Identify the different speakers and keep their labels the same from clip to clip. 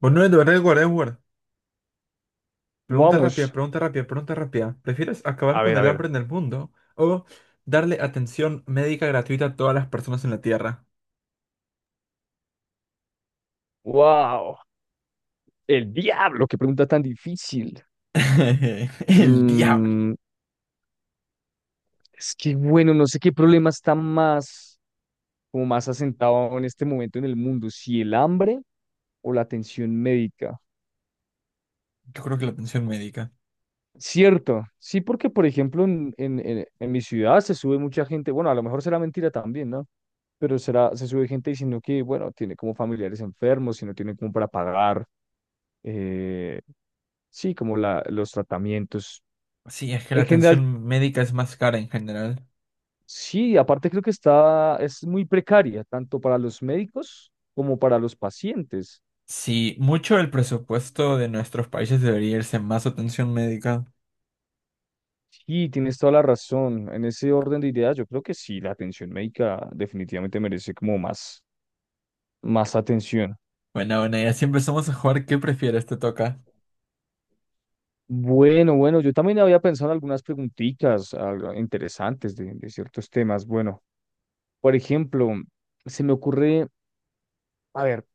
Speaker 1: Bueno, Edward, Edward, Edward. Pregunta
Speaker 2: Vamos,
Speaker 1: rápida, pregunta rápida, pregunta rápida. ¿Prefieres acabar
Speaker 2: a
Speaker 1: con
Speaker 2: ver, a
Speaker 1: el
Speaker 2: ver.
Speaker 1: hambre en el mundo o darle atención médica gratuita a todas las personas en la Tierra?
Speaker 2: Wow, el diablo, qué pregunta tan difícil.
Speaker 1: El diablo.
Speaker 2: Mm, es que bueno, no sé qué problema está más, como más asentado en este momento en el mundo, si el hambre o la atención médica.
Speaker 1: Yo creo que la atención médica.
Speaker 2: Cierto, sí, porque por ejemplo en mi ciudad se sube mucha gente, bueno, a lo mejor será mentira también, ¿no? Pero será, se sube gente diciendo que, bueno, tiene como familiares enfermos y no tiene como para pagar, eh, sí, como los tratamientos.
Speaker 1: Sí, es que la
Speaker 2: En general,
Speaker 1: atención médica es más cara en general.
Speaker 2: sí, aparte creo que está, es muy precaria, tanto para los médicos como para los pacientes.
Speaker 1: Sí, mucho del presupuesto de nuestros países debería irse en más atención médica.
Speaker 2: Sí, tienes toda la razón. En ese orden de ideas, yo creo que sí, la atención médica definitivamente merece como más, más atención.
Speaker 1: Bueno, bueno, ya siempre empezamos a jugar, ¿qué prefieres? Te toca.
Speaker 2: Bueno, bueno, yo también había pensado en algunas preguntitas algo interesantes de ciertos temas. Bueno, por ejemplo, se me ocurre, a ver,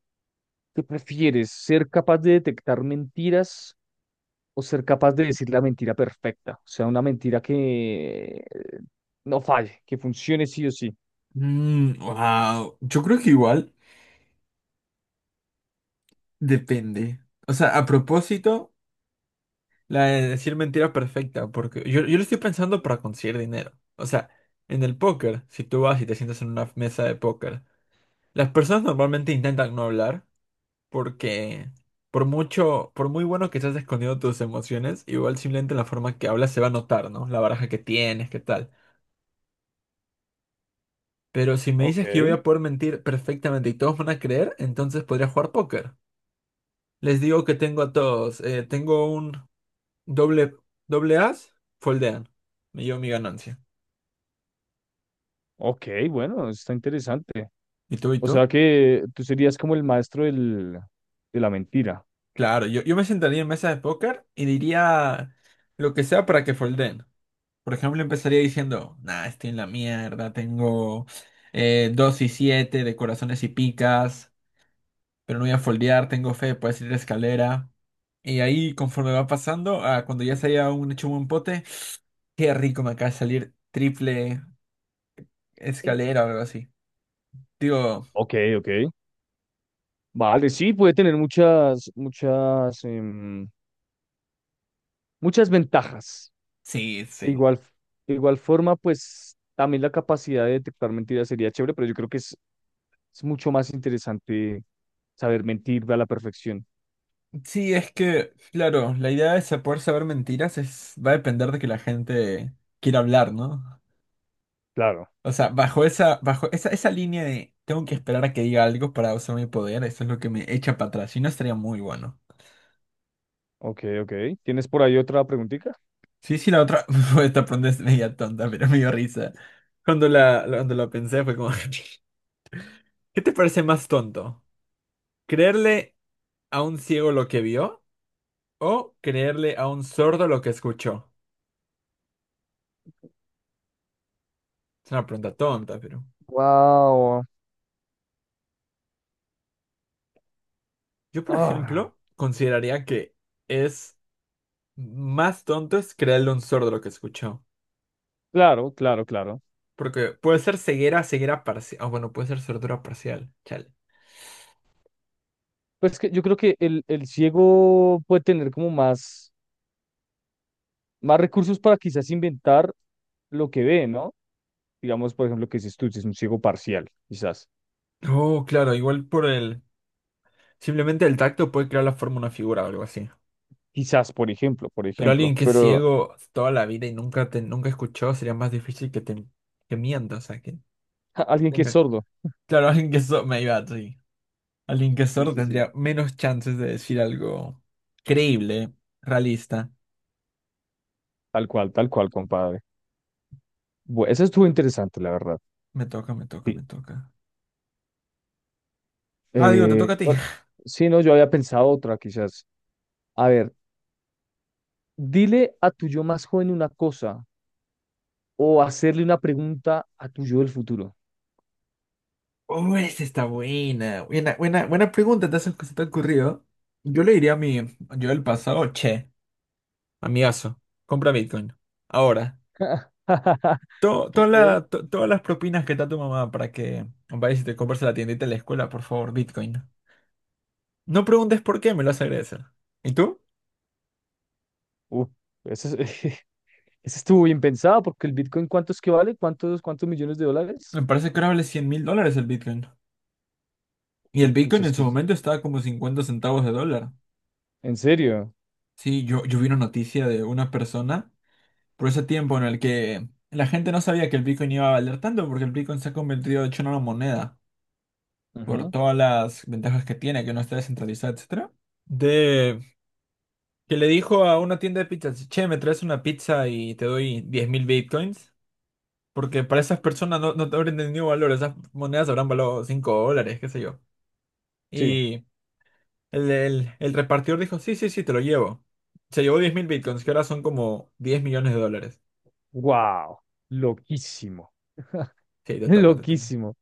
Speaker 2: ¿qué prefieres? ¿Ser capaz de detectar mentiras o ser capaz de decir la mentira perfecta? O sea, una mentira que no falle, que funcione sí o sí.
Speaker 1: Mm, wow. Yo creo que igual depende. O sea, a propósito. La de decir mentira perfecta, porque yo lo estoy pensando para conseguir dinero. O sea, en el póker, si tú vas y te sientas en una mesa de póker, las personas normalmente intentan no hablar porque por mucho, por muy bueno que estés escondiendo tus emociones, igual simplemente la forma que hablas se va a notar, ¿no? La baraja que tienes, qué tal. Pero si me
Speaker 2: Ok,
Speaker 1: dices que yo voy a poder mentir perfectamente y todos van a creer, entonces podría jugar póker. Les digo que tengo a todos, tengo un doble, doble as, foldean. Me llevo mi ganancia.
Speaker 2: ok, bueno, está interesante.
Speaker 1: ¿Y tú y
Speaker 2: O
Speaker 1: tú?
Speaker 2: sea que tú serías como el maestro de la mentira.
Speaker 1: Claro, yo me sentaría en mesa de póker y diría lo que sea para que folden. Por ejemplo, empezaría diciendo, nah, estoy en la mierda, tengo 2 y 7 de corazones y picas, pero no voy a foldear, tengo fe, puedes ir a escalera. Y ahí, conforme va pasando, ah, cuando ya se haya un hecho un buen pote, qué rico me acaba de salir triple
Speaker 2: Sí.
Speaker 1: escalera o algo así. Digo,
Speaker 2: Ok, ok. Vale, sí, puede tener muchas, muchas, muchas ventajas.
Speaker 1: sí,
Speaker 2: De
Speaker 1: sí.
Speaker 2: igual, de igual forma, pues también la capacidad de detectar mentiras sería chévere, pero yo creo que es mucho más interesante saber mentir a la perfección.
Speaker 1: Sí, es que, claro, la idea de poder saber mentiras es, va a depender de que la gente quiera hablar, ¿no?
Speaker 2: Claro.
Speaker 1: O sea, bajo esa línea de tengo que esperar a que diga algo para usar mi poder, eso es lo que me echa para atrás. Si no, estaría muy bueno.
Speaker 2: Ok, ok. ¿Tienes por ahí otra preguntita?
Speaker 1: Sí, sí, la otra, esta pregunta es media tonta, pero me dio risa. Cuando cuando la pensé fue como, ¿qué te parece más tonto? ¿Creerle a un ciego lo que vio o creerle a un sordo lo que escuchó? Es una pregunta tonta, pero...
Speaker 2: Wow.
Speaker 1: Yo, por
Speaker 2: Ah,
Speaker 1: ejemplo, consideraría que es más tonto es creerle un sordo lo que escuchó.
Speaker 2: claro, claro, claro.
Speaker 1: Porque puede ser ceguera, ceguera parcial. Ah, bueno, puede ser sordura parcial. Chale.
Speaker 2: Pues que yo creo que el ciego puede tener como más, más recursos para quizás inventar lo que ve, ¿no? Digamos, por ejemplo, que dices tú, si es un ciego parcial, quizás.
Speaker 1: Oh, claro, igual por el. Simplemente el tacto puede crear la forma de una figura o algo así.
Speaker 2: Quizás, por ejemplo, por
Speaker 1: Pero
Speaker 2: ejemplo.
Speaker 1: alguien que es
Speaker 2: Pero
Speaker 1: ciego toda la vida y nunca escuchó, sería más difícil que mienta, o sea, que
Speaker 2: ja, alguien que es
Speaker 1: tenga.
Speaker 2: sordo.
Speaker 1: Claro, alguien que es sordo. Me iba, sí. Alguien que es
Speaker 2: Sí,
Speaker 1: sordo
Speaker 2: sí, sí.
Speaker 1: tendría menos chances de decir algo creíble, realista.
Speaker 2: Tal cual, compadre. Bueno, eso estuvo interesante, la verdad.
Speaker 1: Me toca, me toca, me
Speaker 2: Sí.
Speaker 1: toca. Ah, digo, te toca a ti.
Speaker 2: Bueno, sí, no, yo había pensado otra, quizás. A ver. Dile a tu yo más joven una cosa o hacerle una pregunta a tu yo del futuro.
Speaker 1: Oh, esa está buena. Buena, buena, buena pregunta, te has, se te ha ocurrido. Yo le diría a mi yo del pasado, che, amigazo, compra Bitcoin. Ahora,
Speaker 2: Ok.
Speaker 1: todas las propinas que te da tu mamá para que vayas y te compres a la tiendita de la escuela, por favor, Bitcoin. No preguntes por qué, me lo vas a agradecer. ¿Y tú?
Speaker 2: Uh, eso, es- eso estuvo bien pensado porque el Bitcoin, ¿cuántos que vale? ¿Cuántos, cuántos millones de dólares?
Speaker 1: Me parece que ahora vale $100,000 el Bitcoin. Y el
Speaker 2: Jue- pucha,
Speaker 1: Bitcoin
Speaker 2: es
Speaker 1: en
Speaker 2: que
Speaker 1: su
Speaker 2: es-
Speaker 1: momento estaba como $0.50.
Speaker 2: ¿en serio?
Speaker 1: Sí, yo vi una noticia de una persona. Por ese tiempo en el que la gente no sabía que el Bitcoin iba a valer tanto, porque el Bitcoin se ha convertido de hecho en una moneda, por
Speaker 2: Ujú,
Speaker 1: todas las ventajas que tiene, que no está descentralizada, etcétera. De que le dijo a una tienda de pizzas, che, me traes una pizza y te doy 10,000 Bitcoins, porque para esas personas no, no te habrán entendido valor, esas monedas habrán valorado $5, qué sé yo.
Speaker 2: sí.
Speaker 1: Y el repartidor dijo, sí, sí, sí, te lo llevo. Se llevó 10,000 Bitcoins, que ahora son como $10,000,000.
Speaker 2: Wow. Loquísimo.
Speaker 1: Sí, te toca, te toca.
Speaker 2: Loquísimo.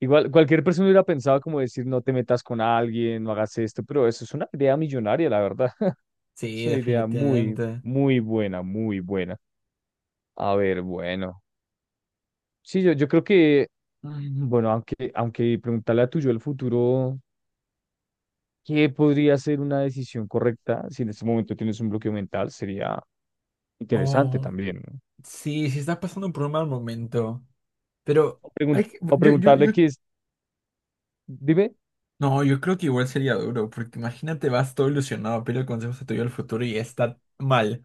Speaker 2: Igual, cualquier persona hubiera pensado como decir, no te metas con alguien, no hagas esto, pero eso es una idea millonaria, la verdad.
Speaker 1: Sí,
Speaker 2: Es una idea muy,
Speaker 1: definitivamente.
Speaker 2: muy buena, muy buena. A ver, bueno. Sí, yo creo que, bueno, aunque, aunque preguntarle a tu yo el futuro, ¿qué podría ser una decisión correcta si en este momento tienes un bloqueo mental? Sería interesante
Speaker 1: Oh,
Speaker 2: también, ¿no?
Speaker 1: sí, sí está pasando por un mal momento. Pero
Speaker 2: O,
Speaker 1: hay
Speaker 2: pregun- o preguntarle qué es, dime,
Speaker 1: no, yo creo que igual sería duro, porque imagínate, vas todo ilusionado, pide consejos a tu yo del futuro y está mal.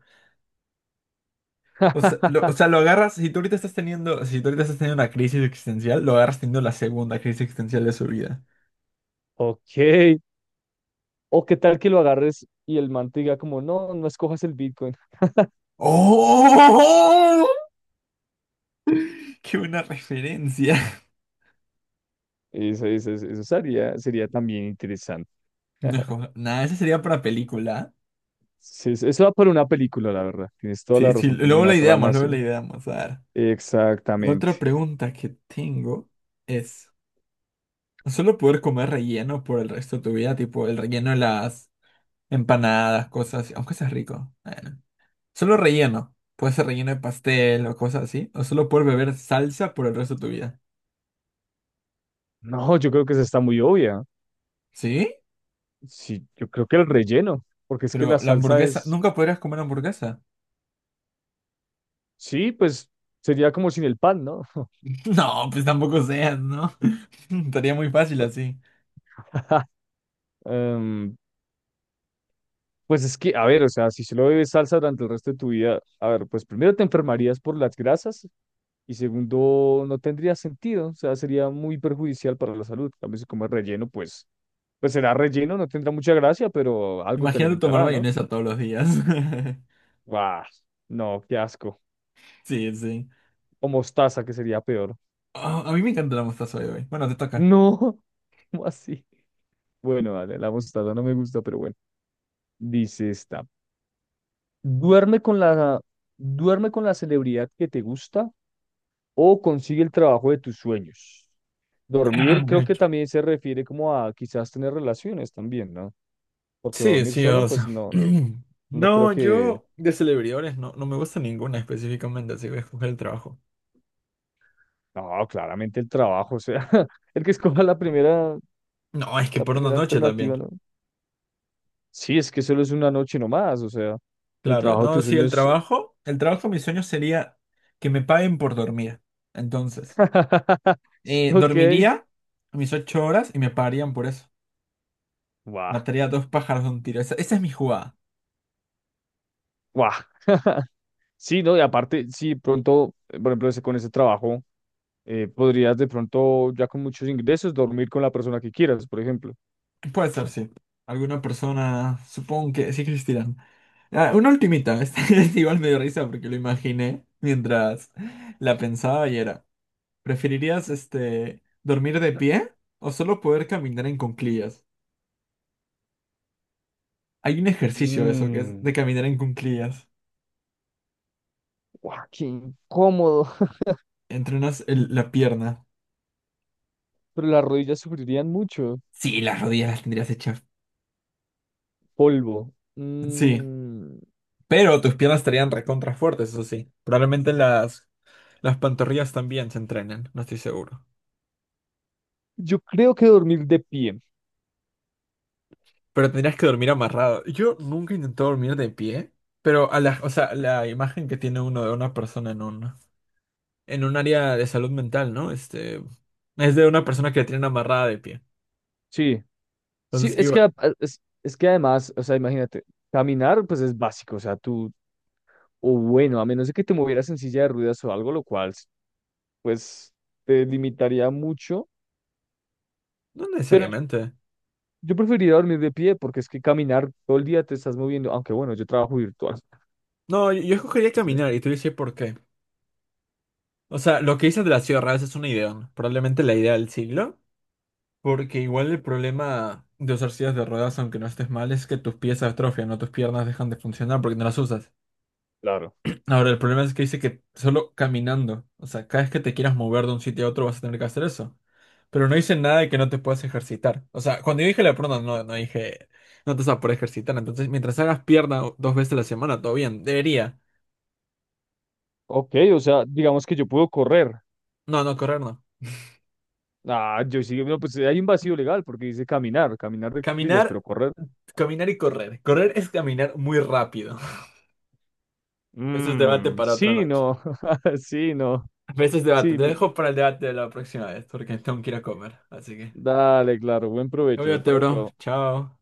Speaker 1: O sea, o sea, lo agarras, si tú ahorita estás teniendo, si tú ahorita estás teniendo una crisis existencial, lo agarras teniendo la segunda crisis existencial de su vida.
Speaker 2: ok, o qué tal que lo agarres y el man te diga como, no, no escojas el Bitcoin.
Speaker 1: ¡Oh! ¡Qué buena referencia!
Speaker 2: Eso, eso sería, sería también interesante.
Speaker 1: No es como, nada, esa sería para película.
Speaker 2: Sí, eso va por una película, la verdad. Tienes toda
Speaker 1: Sí,
Speaker 2: la
Speaker 1: sí,
Speaker 2: razón,
Speaker 1: luego
Speaker 2: alguna
Speaker 1: la ideamos,
Speaker 2: trama,
Speaker 1: luego
Speaker 2: sí.
Speaker 1: la ideamos. A ver, la otra
Speaker 2: Exactamente.
Speaker 1: pregunta que tengo es... Solo poder comer relleno por el resto de tu vida, tipo el relleno de las empanadas, cosas así, aunque sea rico. Bueno. Solo relleno. Puede ser relleno de pastel o cosas así. O solo poder beber salsa por el resto de tu vida.
Speaker 2: No, yo creo que esa está muy obvia.
Speaker 1: ¿Sí?
Speaker 2: Sí, yo creo que el relleno, porque es que la
Speaker 1: Pero la
Speaker 2: salsa
Speaker 1: hamburguesa,
Speaker 2: es,
Speaker 1: ¿nunca podrías comer hamburguesa?
Speaker 2: sí, pues sería como sin el pan, ¿no?
Speaker 1: No, pues tampoco seas, ¿no? Estaría muy fácil
Speaker 2: Pues
Speaker 1: así.
Speaker 2: Em, pues es que, a ver, o sea, si solo bebes salsa durante el resto de tu vida, a ver, pues primero te enfermarías por las grasas. Y segundo, no tendría sentido, o sea, sería muy perjudicial para la salud. También si comes relleno, pues, pues será relleno, no tendrá mucha gracia, pero algo te
Speaker 1: Imagínate tomar
Speaker 2: alimentará, ¿no?
Speaker 1: mayonesa todos los días.
Speaker 2: ¡Guau! No, qué asco.
Speaker 1: Sí, sí.
Speaker 2: O mostaza, que sería peor.
Speaker 1: Oh, a mí me encanta la mostaza hoy, güey. Bueno, te toca.
Speaker 2: No, ¿cómo así? Bueno, vale, la mostaza no me gusta, pero bueno. Dice esta. Duerme con la, duerme con la celebridad que te gusta o consigue el trabajo de tus sueños. Dormir creo que también se refiere como a quizás tener relaciones también, ¿no? Porque
Speaker 1: Sí,
Speaker 2: dormir
Speaker 1: sí,
Speaker 2: solo,
Speaker 1: o
Speaker 2: pues
Speaker 1: sea.
Speaker 2: no, no creo
Speaker 1: No,
Speaker 2: que,
Speaker 1: yo de celebridades no, no me gusta ninguna específicamente, así que voy a escoger el trabajo.
Speaker 2: no, claramente el trabajo, o sea, el que escoja
Speaker 1: No, es que
Speaker 2: la
Speaker 1: por una
Speaker 2: primera
Speaker 1: noche
Speaker 2: alternativa,
Speaker 1: también.
Speaker 2: ¿no? Sí, es que solo es una noche nomás, o sea, el
Speaker 1: Claro,
Speaker 2: trabajo de
Speaker 1: no,
Speaker 2: tus
Speaker 1: sí,
Speaker 2: sueños,
Speaker 1: el trabajo, mi sueño sería que me paguen por dormir. Entonces,
Speaker 2: ok,
Speaker 1: dormiría mis 8 horas y me pagarían por eso.
Speaker 2: guau,
Speaker 1: Mataría a dos pájaros de un tiro. Esa es mi jugada.
Speaker 2: guau. Sí, ¿no? Y aparte, sí, pronto, por ejemplo, ese- con ese trabajo, podrías de pronto, ya con muchos ingresos, dormir con la persona que quieras, por ejemplo.
Speaker 1: Puede ser, sí. Alguna persona, supongo que sí existirán. Ah, una ultimita, esta es igual me dio risa porque lo imaginé mientras la pensaba y era, ¿preferirías este, dormir de pie o solo poder caminar en cuclillas? Hay un ejercicio de eso que es
Speaker 2: Mm,
Speaker 1: de caminar en cuclillas.
Speaker 2: guau, qué incómodo.
Speaker 1: Entrenas la pierna.
Speaker 2: Pero las rodillas sufrirían mucho.
Speaker 1: Sí, las rodillas las tendrías hechas.
Speaker 2: Polvo.
Speaker 1: Sí, pero tus piernas estarían recontra fuertes, eso sí. Probablemente las pantorrillas también se entrenen, no estoy seguro.
Speaker 2: Yo creo que dormir de pie.
Speaker 1: Pero tendrías que dormir amarrado. Yo nunca he intentado dormir de pie, pero a la, o sea, la imagen que tiene uno de una persona en un área de salud mental, ¿no? Este, es de una persona que la tienen amarrada de pie.
Speaker 2: Sí, sí,
Speaker 1: Entonces,
Speaker 2: es que,
Speaker 1: igual,
Speaker 2: es que además, o sea, imagínate, caminar pues es básico, o sea, tú, o bueno, a menos de que te movieras en silla de ruedas o algo, lo cual pues te limitaría mucho,
Speaker 1: no
Speaker 2: pero yo,
Speaker 1: necesariamente.
Speaker 2: yo preferiría dormir de pie porque es que caminar todo el día te estás moviendo, aunque bueno, yo trabajo virtual.
Speaker 1: No, yo escogería
Speaker 2: Sí,
Speaker 1: caminar y te dices por qué. O sea, lo que dices de las silla es una idea, ¿no? Probablemente la idea del siglo, porque igual el problema de usar sillas de ruedas, aunque no estés mal, es que tus pies se atrofian, no tus piernas dejan de funcionar porque no las usas.
Speaker 2: claro.
Speaker 1: Ahora, el problema es que dice que solo caminando, o sea, cada vez que te quieras mover de un sitio a otro vas a tener que hacer eso. Pero no dice nada de que no te puedas ejercitar. O sea, cuando yo dije la pierna, no dije, no te vas a poder ejercitar. Entonces, mientras hagas pierna dos veces a la semana, todo bien, debería.
Speaker 2: Ok, o sea, digamos que yo puedo correr.
Speaker 1: No, correr no.
Speaker 2: Ah, yo sí, no, pues hay un vacío legal porque dice caminar, caminar de cuclillas,
Speaker 1: Caminar,
Speaker 2: pero correr.
Speaker 1: caminar y correr. Correr es caminar muy rápido. Eso es debate
Speaker 2: Mmm,
Speaker 1: para otra
Speaker 2: sí,
Speaker 1: noche.
Speaker 2: no, sí, no.
Speaker 1: Ese es debate.
Speaker 2: Sí,
Speaker 1: Te
Speaker 2: me-
Speaker 1: dejo para el debate de la próxima vez, porque tengo que ir a comer. Así que,
Speaker 2: dale, claro, buen provecho.
Speaker 1: cuídate,
Speaker 2: Chao,
Speaker 1: bro.
Speaker 2: chao.
Speaker 1: Chao.